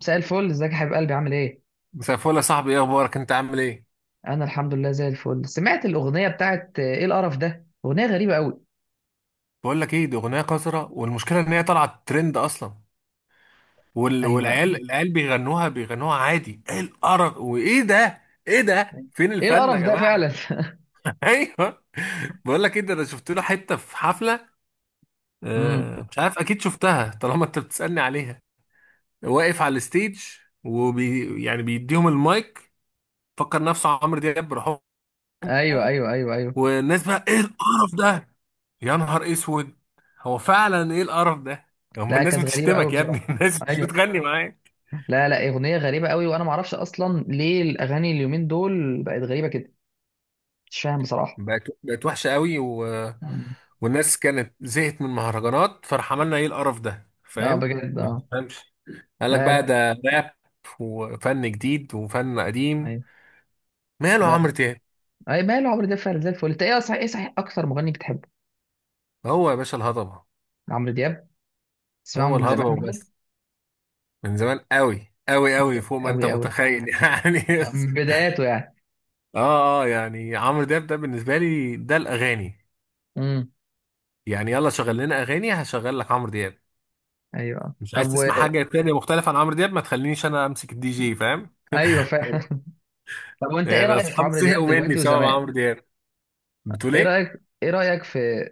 مساء الفل، ازيك يا حبيب قلبي؟ عامل ايه؟ مساء الفل يا صاحبي، ايه اخبارك؟ انت عامل ايه؟ انا الحمد لله زي الفل. سمعت الاغنيه بتاعت ايه القرف ده؟ اغنيه غريبه قوي. بقول لك ايه، دي اغنيه قذره، والمشكله ان هي طلعت ترند اصلا. ايوه. والعيال بيغنوها عادي. ايه القرف وايه ده؟ ايه ده؟ فين ايه الفن يا القرف ده جماعه؟ فعلا. ايوه. بقول لك ايه ده، انا شفت له حته في حفله. امم. مش عارف، اكيد شفتها طالما انت بتسالني عليها. واقف على الستيج يعني بيديهم المايك، فكر نفسه عمرو دياب بروحهم. ايوه، ايوه، ايوه، ايوه. والناس بقى: ايه القرف ده؟ يا نهار اسود، هو فعلا ايه القرف ده؟ هما لا، الناس كانت غريبه قوي بتشتمك يا ابني بصراحه. الناس مش ايوه. بتغني معاك. لا لا، اغنيه غريبه قوي، وانا ما اعرفش اصلا ليه الاغاني اليومين دول بقت غريبه كده. مش فاهم بصراحه. بقت وحشه قوي مم. والناس كانت زهقت من المهرجانات، فراح عملنا ايه القرف ده، اه، فاهم؟ بجد ما اه. تفهمش. قال لك لا بقى لا. ده راب وفن جديد وفن قديم. ايوه. ماله عمرو بقى. دياب؟ اي ماله عمرو دياب؟ فعلا زي الفل. انت ايه صحيح اكتر مغني بتحبه؟ هو يا باشا الهضبه، عمرو دياب. تسمعه هو من الهضبه زمان. وبس. من زمان قوي قوي قوي فوق ما قوي انت قوي. متخيل يعني. من بداياته يعني. اه اه، يعني عمرو دياب ده بالنسبه لي ده الاغاني. مم. يعني يلا شغل لنا اغاني، هشغل لك عمرو دياب. ايوه، مش عايز طب تسمع حاجه تانية مختلفه عن عمرو دياب، ما تخلينيش انا امسك الدي جي، فاهم؟ ايوه فاهم. طب وانت ايه يعني رايك في اصحابي عمرو دياب زهقوا مني دلوقتي بسبب وزمان؟ عمرو دياب. بتقول ايه ايه؟ رايك ايه رايك في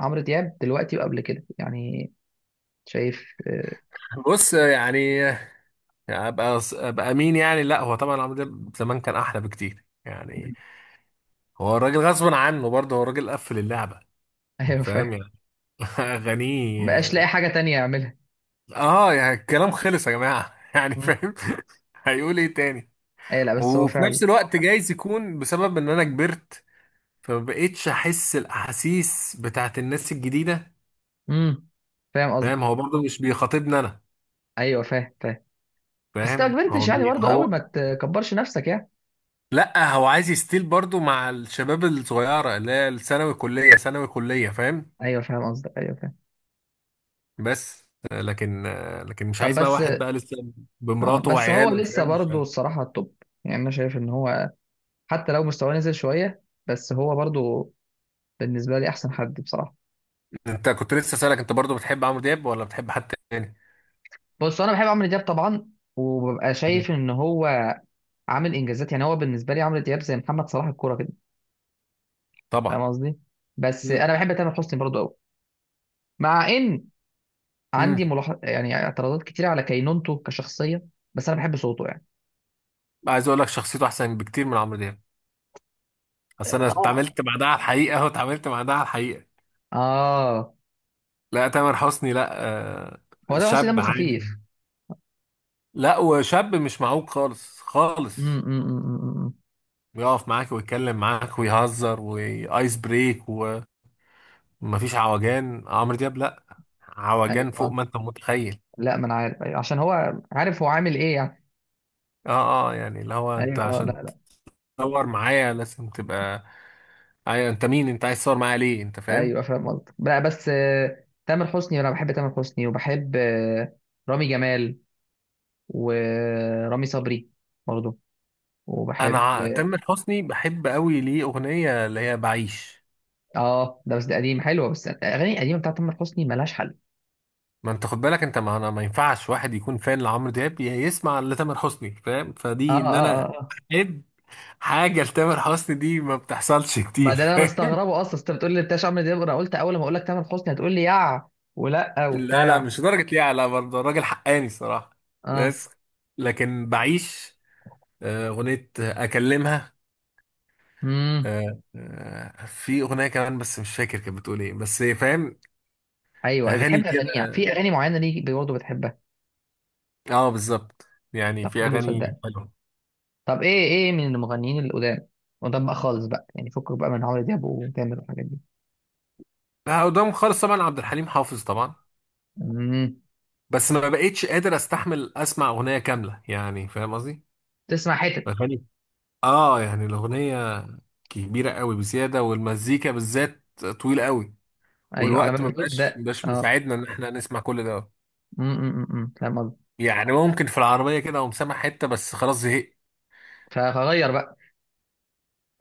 عمرو دياب دلوقتي وقبل كده يعني؟ شايف بص يعني، ابقى مين يعني؟ لا هو طبعا عمرو دياب زمان كان احلى بكتير، يعني هو الراجل غصب عنه، برضه هو الراجل قفل اللعبه. ايوه فاهم فاهم. يعني؟ اغانيه، مبقاش لاقي حاجه تانية يعملها. اه يعني الكلام خلص يا جماعه يعني مم. فاهم؟ هيقول ايه تاني؟ ايوه، لا بس هو وفي فعلا. نفس الوقت جايز يكون بسبب ان انا كبرت، فمبقتش احس الاحاسيس بتاعت الناس الجديده. امم. فاهم فاهم؟ قصدك. هو برضه مش بيخاطبني انا. ايوه، فاهم فاهم. بس انت فاهم؟ ما كبرتش يعني برضو قوي، ما هو، تكبرش نفسك يعني. لا هو عايز يستيل برضه مع الشباب الصغيره اللي هي الثانوي كليه، ثانوي كليه، فاهم؟ ايوه فاهم قصدك، ايوه فاهم. بس لكن لكن مش طب عايز بقى بس واحد بقى لسه آه، بمراته بس هو وعياله، لسه فاهم؟ مش برضو عارف. الصراحه التوب. يعني انا شايف ان هو حتى لو مستواه نزل شويه، بس هو برضو بالنسبه لي احسن حد بصراحه. انت كنت لسه سالك انت برضه بتحب عمرو دياب ولا بتحب حد تاني؟ بص، انا بحب عمرو دياب طبعا، وببقى مم. شايف ان هو عامل انجازات. يعني هو بالنسبه لي عمرو دياب زي محمد صلاح الكوره كده، طبعا. فاهم قصدي؟ بس مم. انا بحب تامر حسني برضو قوي، مع ان مم. عندي ملاحظ يعني اعتراضات كتير على كينونته كشخصيه، بس انا بحب صوته يعني. عايز اقول لك: شخصيته احسن بكتير من عمرو دياب. بس انا اه اتعاملت مع ده على الحقيقه، اهو اتعاملت مع ده على الحقيقه. اه. لا تامر حسني، لا. آه، هو ده حسني شاب دمه خفيف. عادي، لا وشاب مش معوق خالص امم. خالص، أمم، أمم، أمم، أمم. بيقف معاك ويتكلم معاك ويهزر وايس بريك، ومفيش عوجان. عمرو دياب لا، ايوه عوجان فوق آه. ما انت متخيل. لا، ما انا عارف. أيوة. عشان هو عارف هو عامل ايه يعني. اه اه، يعني اللي هو انت ايوه آه، لا عشان لا. تتصور معايا لازم تبقى، ايوه انت مين؟ انت عايز تصور معايا ليه انت، فاهم؟ ايوه فاهم قصدك. لا بس تامر حسني، انا بحب تامر حسني، وبحب رامي جمال ورامي صبري برضه، وبحب. تامر حسني بحب قوي ليه اغنيه اللي هي "بعيش". اه، ده بس ده قديم حلوه. بس الاغاني القديمه بتاعت تامر حسني ملهاش حل. ما انت خد بالك انت، ما انا ما ينفعش واحد يكون فان لعمرو دياب يسمع لتامر حسني، فاهم؟ اه فدي ان اه انا اه آه. احب حاجه لتامر حسني دي ما بتحصلش ما كتير، ده اللي انا فاهم؟ مستغربه اصلا. أصل انت بتقول لي بتاع عمرو دياب، انا قلت اول ما اقول لك تامر حسني هتقول لي ولا لا لا، وبتاع. مش درجه ليه، على برضه الراجل حقاني الصراحه. اه. بس لكن "بعيش" اغنيه اكلمها. امم. في اغنيه كمان بس مش فاكر كانت بتقول ايه، بس فاهم؟ ايوه. أيوة، اغاني بتحب اغانيه؟ كده، في اغاني معينه ليك برضه بتحبها؟ اه بالظبط، يعني طب في حلو، اغاني صدقني. حلوه. طب ايه من المغنيين القدام؟ قدام بقى خالص بقى، يعني فكك بقى من عمرو دياب وتامر والحاجات دي. لا، قدام خالص طبعا عبد الحليم حافظ طبعا، امم. بس ما بقيتش قادر استحمل اسمع اغنيه كامله، يعني فاهم قصدي؟ تسمع حتت؟ اغاني، اه يعني الاغنيه كبيره قوي بزياده، والمزيكا بالذات طويله قوي، ايوه على ما والوقت ما بقاش بيبدا مش اه. مساعدنا ان احنا نسمع كل ده. امم. أمم، أمم، فاهم قصدك. يعني ممكن في العربيه كده اقوم سامع حته بس خلاص زهقت. فغير بقى.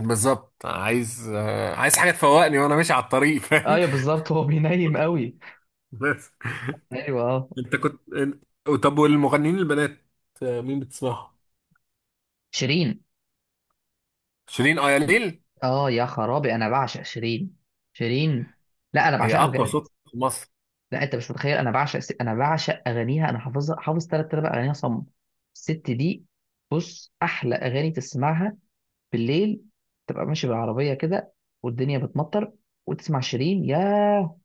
بالظبط، عايز عايز حاجه تفوقني وانا ماشي على الطريق، فاهم؟ ايوه بالظبط، هو بينيم قوي. بس ايوه اه. طب والمغنيين البنات مين بتسمعهم؟ شيرين. شيرين، اياليل. اه يا خرابي، انا بعشق شيرين. شيرين. لا، انا هي بعشقها اقوى بجد. صوت في مصر. لا انت مش متخيل، انا انا بعشق اغانيها. انا حافظ ثلاث ارباع اغانيها صم. الست دي، بص احلى اغاني تسمعها بالليل، تبقى ماشي بالعربيه كده، والدنيا بتمطر، وتسمع شيرين، يا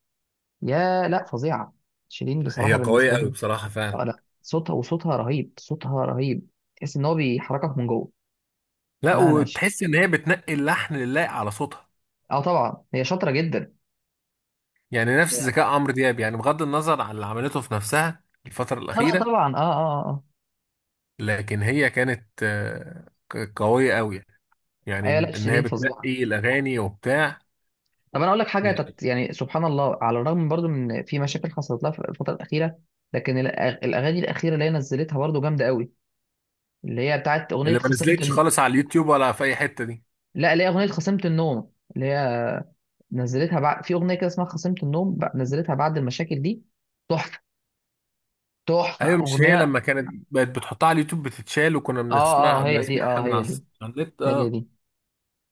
يا لا فظيعه. شيرين هي بصراحه بالنسبه قوية أوي لي. بصراحة فعلا. اه لا، صوتها رهيب، صوتها رهيب. تحس ان هو بيحركك من جوه. لا، لا وتحس ان هي بتنقي اللحن اللايق على صوتها، اه طبعا هي شاطره جدا. يعني نفس ذكاء عمرو دياب، يعني بغض النظر عن اللي عملته في نفسها الفترة اه لا الأخيرة. طبعا، اه اه اه. لكن هي كانت قوية قوي، يعني ايوه لا، ان هي شيرين فظيعه. بتنقي الأغاني وبتاع. طب انا اقول لك حاجه لا، يعني سبحان الله، على الرغم برضو من في مشاكل حصلت لها في الفتره الاخيره، لكن الاغاني الاخيره اللي هي نزلتها برضو جامده قوي. اللي هي بتاعت اغنيه اللي ما نزلتش خالص على اليوتيوب ولا في أي حتة دي. لا، اللي هي اغنيه خصمت النوم، اللي هي نزلتها بعد، في اغنيه كده اسمها خصمت النوم، نزلتها بعد المشاكل دي. تحفه. تحفه ايوه مش هي اغنيه. لما كانت بقت بتحطها على اليوتيوب بتتشال، وكنا اه بنسمع اه، هي دي، اه بسمعها من على هي دي. على النت. هي اه. دي.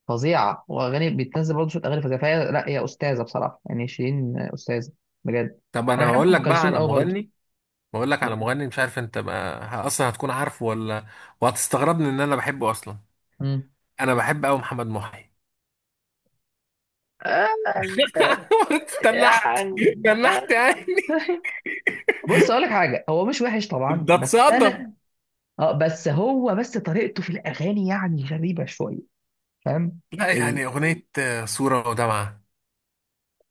فظيعه. واغاني بتنزل برضه شويه اغاني فظيعه، فهي لا، هي استاذه بصراحه. يعني شيرين استاذه، بجد. طب انا انا بحب هقول ام لك بقى كلثوم على قوي برضه. مغني، بقول لك على مغني مش عارف انت بقى اصلا هتكون عارفه ولا، وهتستغربني ان انا بحبه اصلا. مم. انا بحب قوي محمد محي. آه. استنحت يعني استنحت آه. يعني، بص اقول لك حاجه، هو مش وحش طبعا، ده بس اتصدم. انا اه بس هو بس طريقته في الاغاني يعني غريبه شويه فاهم. لا، ال... يعني اغنيه "صوره ودمعه"،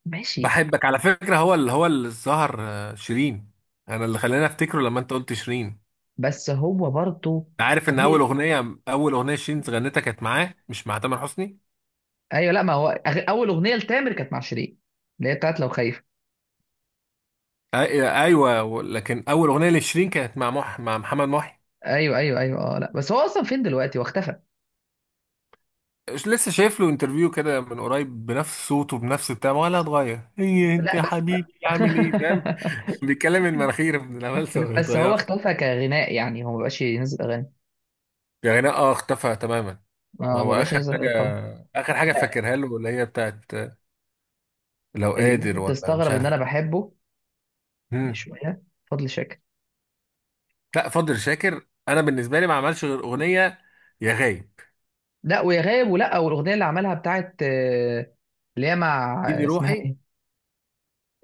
ماشي. "بحبك على فكره"، هو اللي اللي ظهر شيرين، انا اللي خلاني افتكره لما انت قلت شيرين. انت بس هو برضه عارف ان اول طريقه. اغنيه، اول اغنيه شيرين غنتها كانت معاه مش مع تامر حسني. ايوه، لا ما هو اول اغنيه لتامر كانت مع شيرين، اللي هي بتاعت لو خايف. أي- ايوه لكن اول اغنيه لشيرين كانت مع مح مع محمد محي. ايوه ايوه ايوه. اه لا، بس هو اصلا فين دلوقتي؟ واختفى. مش لسه شايف له انترفيو كده من قريب؟ بنفس صوته، بنفس بتاعه، ولا اتغير؟ هي انت لا يا بس. حبيبي عامل ايه، فاهم؟ بيتكلم، إن مناخير من العمالسة لا، ما بس هو بتتغيرش، اختفى كغناء، يعني هو مبقاش ينزل اغاني. يعني. اه اختفى تماما. ما ما هو بقاش آخر ينزل اغاني حاجة، خالص. آخر حاجة فاكرها له اللي هي بتاعت "لو اللي قادر ممكن ولا مش تستغرب ان عارف". انا بحبه، يعني مم. شويه، فضل شاكر. لا فضل شاكر أنا بالنسبة لي ما عملش غير أغنية "يا غايب"، لا، ويا غاب. ولا والاغنيه اللي عملها بتاعت اللي هي مع "إيدي اسمها روحي". ايه؟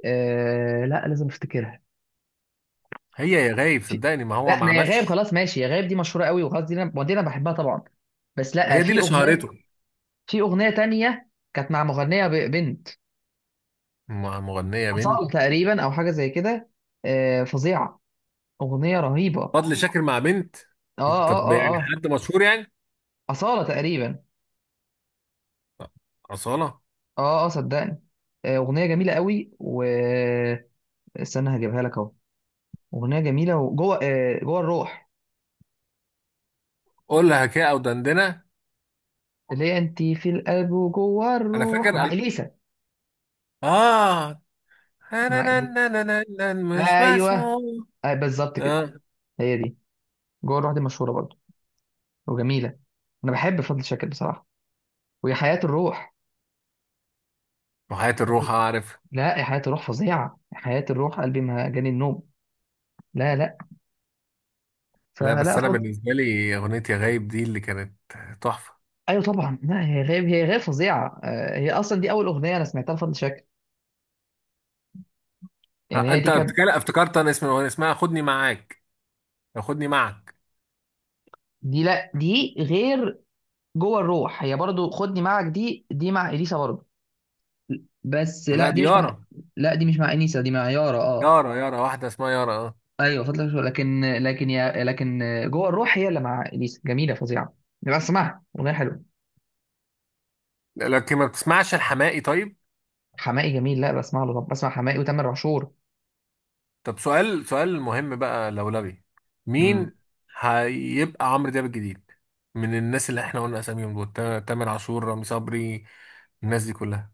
آه، لا لازم افتكرها. هي "يا غايب" في. صدقني، ما هو لا ما ما يا غاب، عملش. خلاص ماشي، يا غاب دي مشهوره قوي وخلاص، دي انا ما، دي انا بحبها طبعا. بس لا، هي دي في اللي اغنيه، شهرته. في اغنيه تانية كانت مع مغنيه بنت، مع مغنية بنت؟ أصالة تقريبا او حاجه زي كده. فظيعه. أغنية رهيبة آه. فضل شاكر مع بنت؟ آه طب آه يعني آه. حد مشهور يعني؟ أصالة تقريبا. أصالة؟ آه آه، صدقني. أغنية جميلة قوي و. استنى هجيبها لك أهو. أغنية جميلة وجوه آه، جوه الروح، قول لها كده أو دندنة. اللي هي أنت في القلب وجوه أنا فاكر الروح مع قال- إليسا. آه. مع إليسا. مش أيوه. مسموع. آه بالظبط كده. اه. هي دي. جوه الروح دي مشهورة برضه، وجميلة. أنا بحب فضل شاكر بصراحة. ويا حياة الروح. وحياة الروح اعرف. لا، يا حياة الروح فظيعة. يا حياة الروح قلبي ما جاني النوم. لا لا. لا فلا بس انا فضل. بالنسبه لي اغنيه "يا غايب" دي اللي كانت تحفه. ايوه طبعا، لا، هي غير فظيعه. هي اصلا دي اول اغنيه انا سمعتها لفضل شاكر. يعني هي دي انت كانت. بتتكلم افتكرت انا اسم الاغنيه، اسمها "خدني معاك"، "خدني معك". دي لا، دي غير. جوه الروح هي برضو. خدني معك دي مع اليسا برضو. بس لا لا، دي دي مش مع. يارا، لا، دي مش مع انيسه، دي مع يارا اه. يارا، يارا، واحده اسمها يارا. اه. ايوه فضل شاكر، لكن جوه الروح هي اللي مع اليسا، جميله فظيعه. بس اسمعها، اغنيه حلوه. لكن ما بتسمعش الحماقي طيب؟ حماقي جميل، لا بسمع له. طب بسمع حماقي وتامر عاشور. طب سؤال، سؤال مهم بقى لولبي: مم. مين هيبقى عمرو دياب الجديد من الناس اللي احنا قلنا اساميهم دول، تامر عاشور، رامي صبري، الناس دي كلها،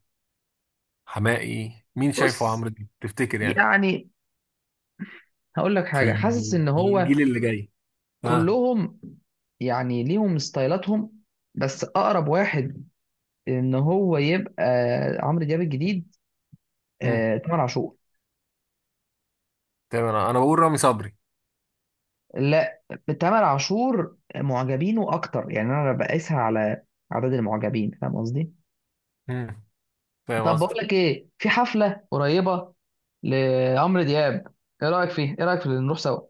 حمائي، مين شايفه بص عمرو دياب تفتكر يعني؟ يعني، هقول لك حاجه. حاسس ان في هو الجيل اللي جاي. اه. كلهم يعني ليهم ستايلاتهم، بس اقرب واحد ان هو يبقى عمرو دياب الجديد امم، تامر عاشور. تمام أنا بقول رامي صبري. لا. تامر عاشور معجبينه اكتر، يعني انا بقيسها على عدد المعجبين، فاهم قصدي؟ امم، فاهم طب بقول قصدك. لك ايه، في حفله قريبه لعمرو دياب. ايه رايك في اللي نروح سوا؟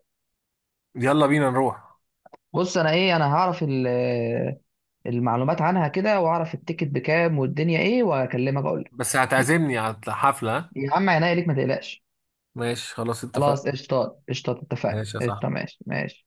يلا بينا نروح. بص، انا ايه، انا هعرف المعلومات عنها كده، واعرف التيكت بكام والدنيا ايه، واكلمك اقول لك. بس هتعزمني على حفلة؟ يا عم، عينيا ليك ما تقلقش. ماشي خلاص اتفقنا. خلاص قشطات قشطات، اتفقنا ماشي يا قشطة. صاحبي. ماشي ماشي.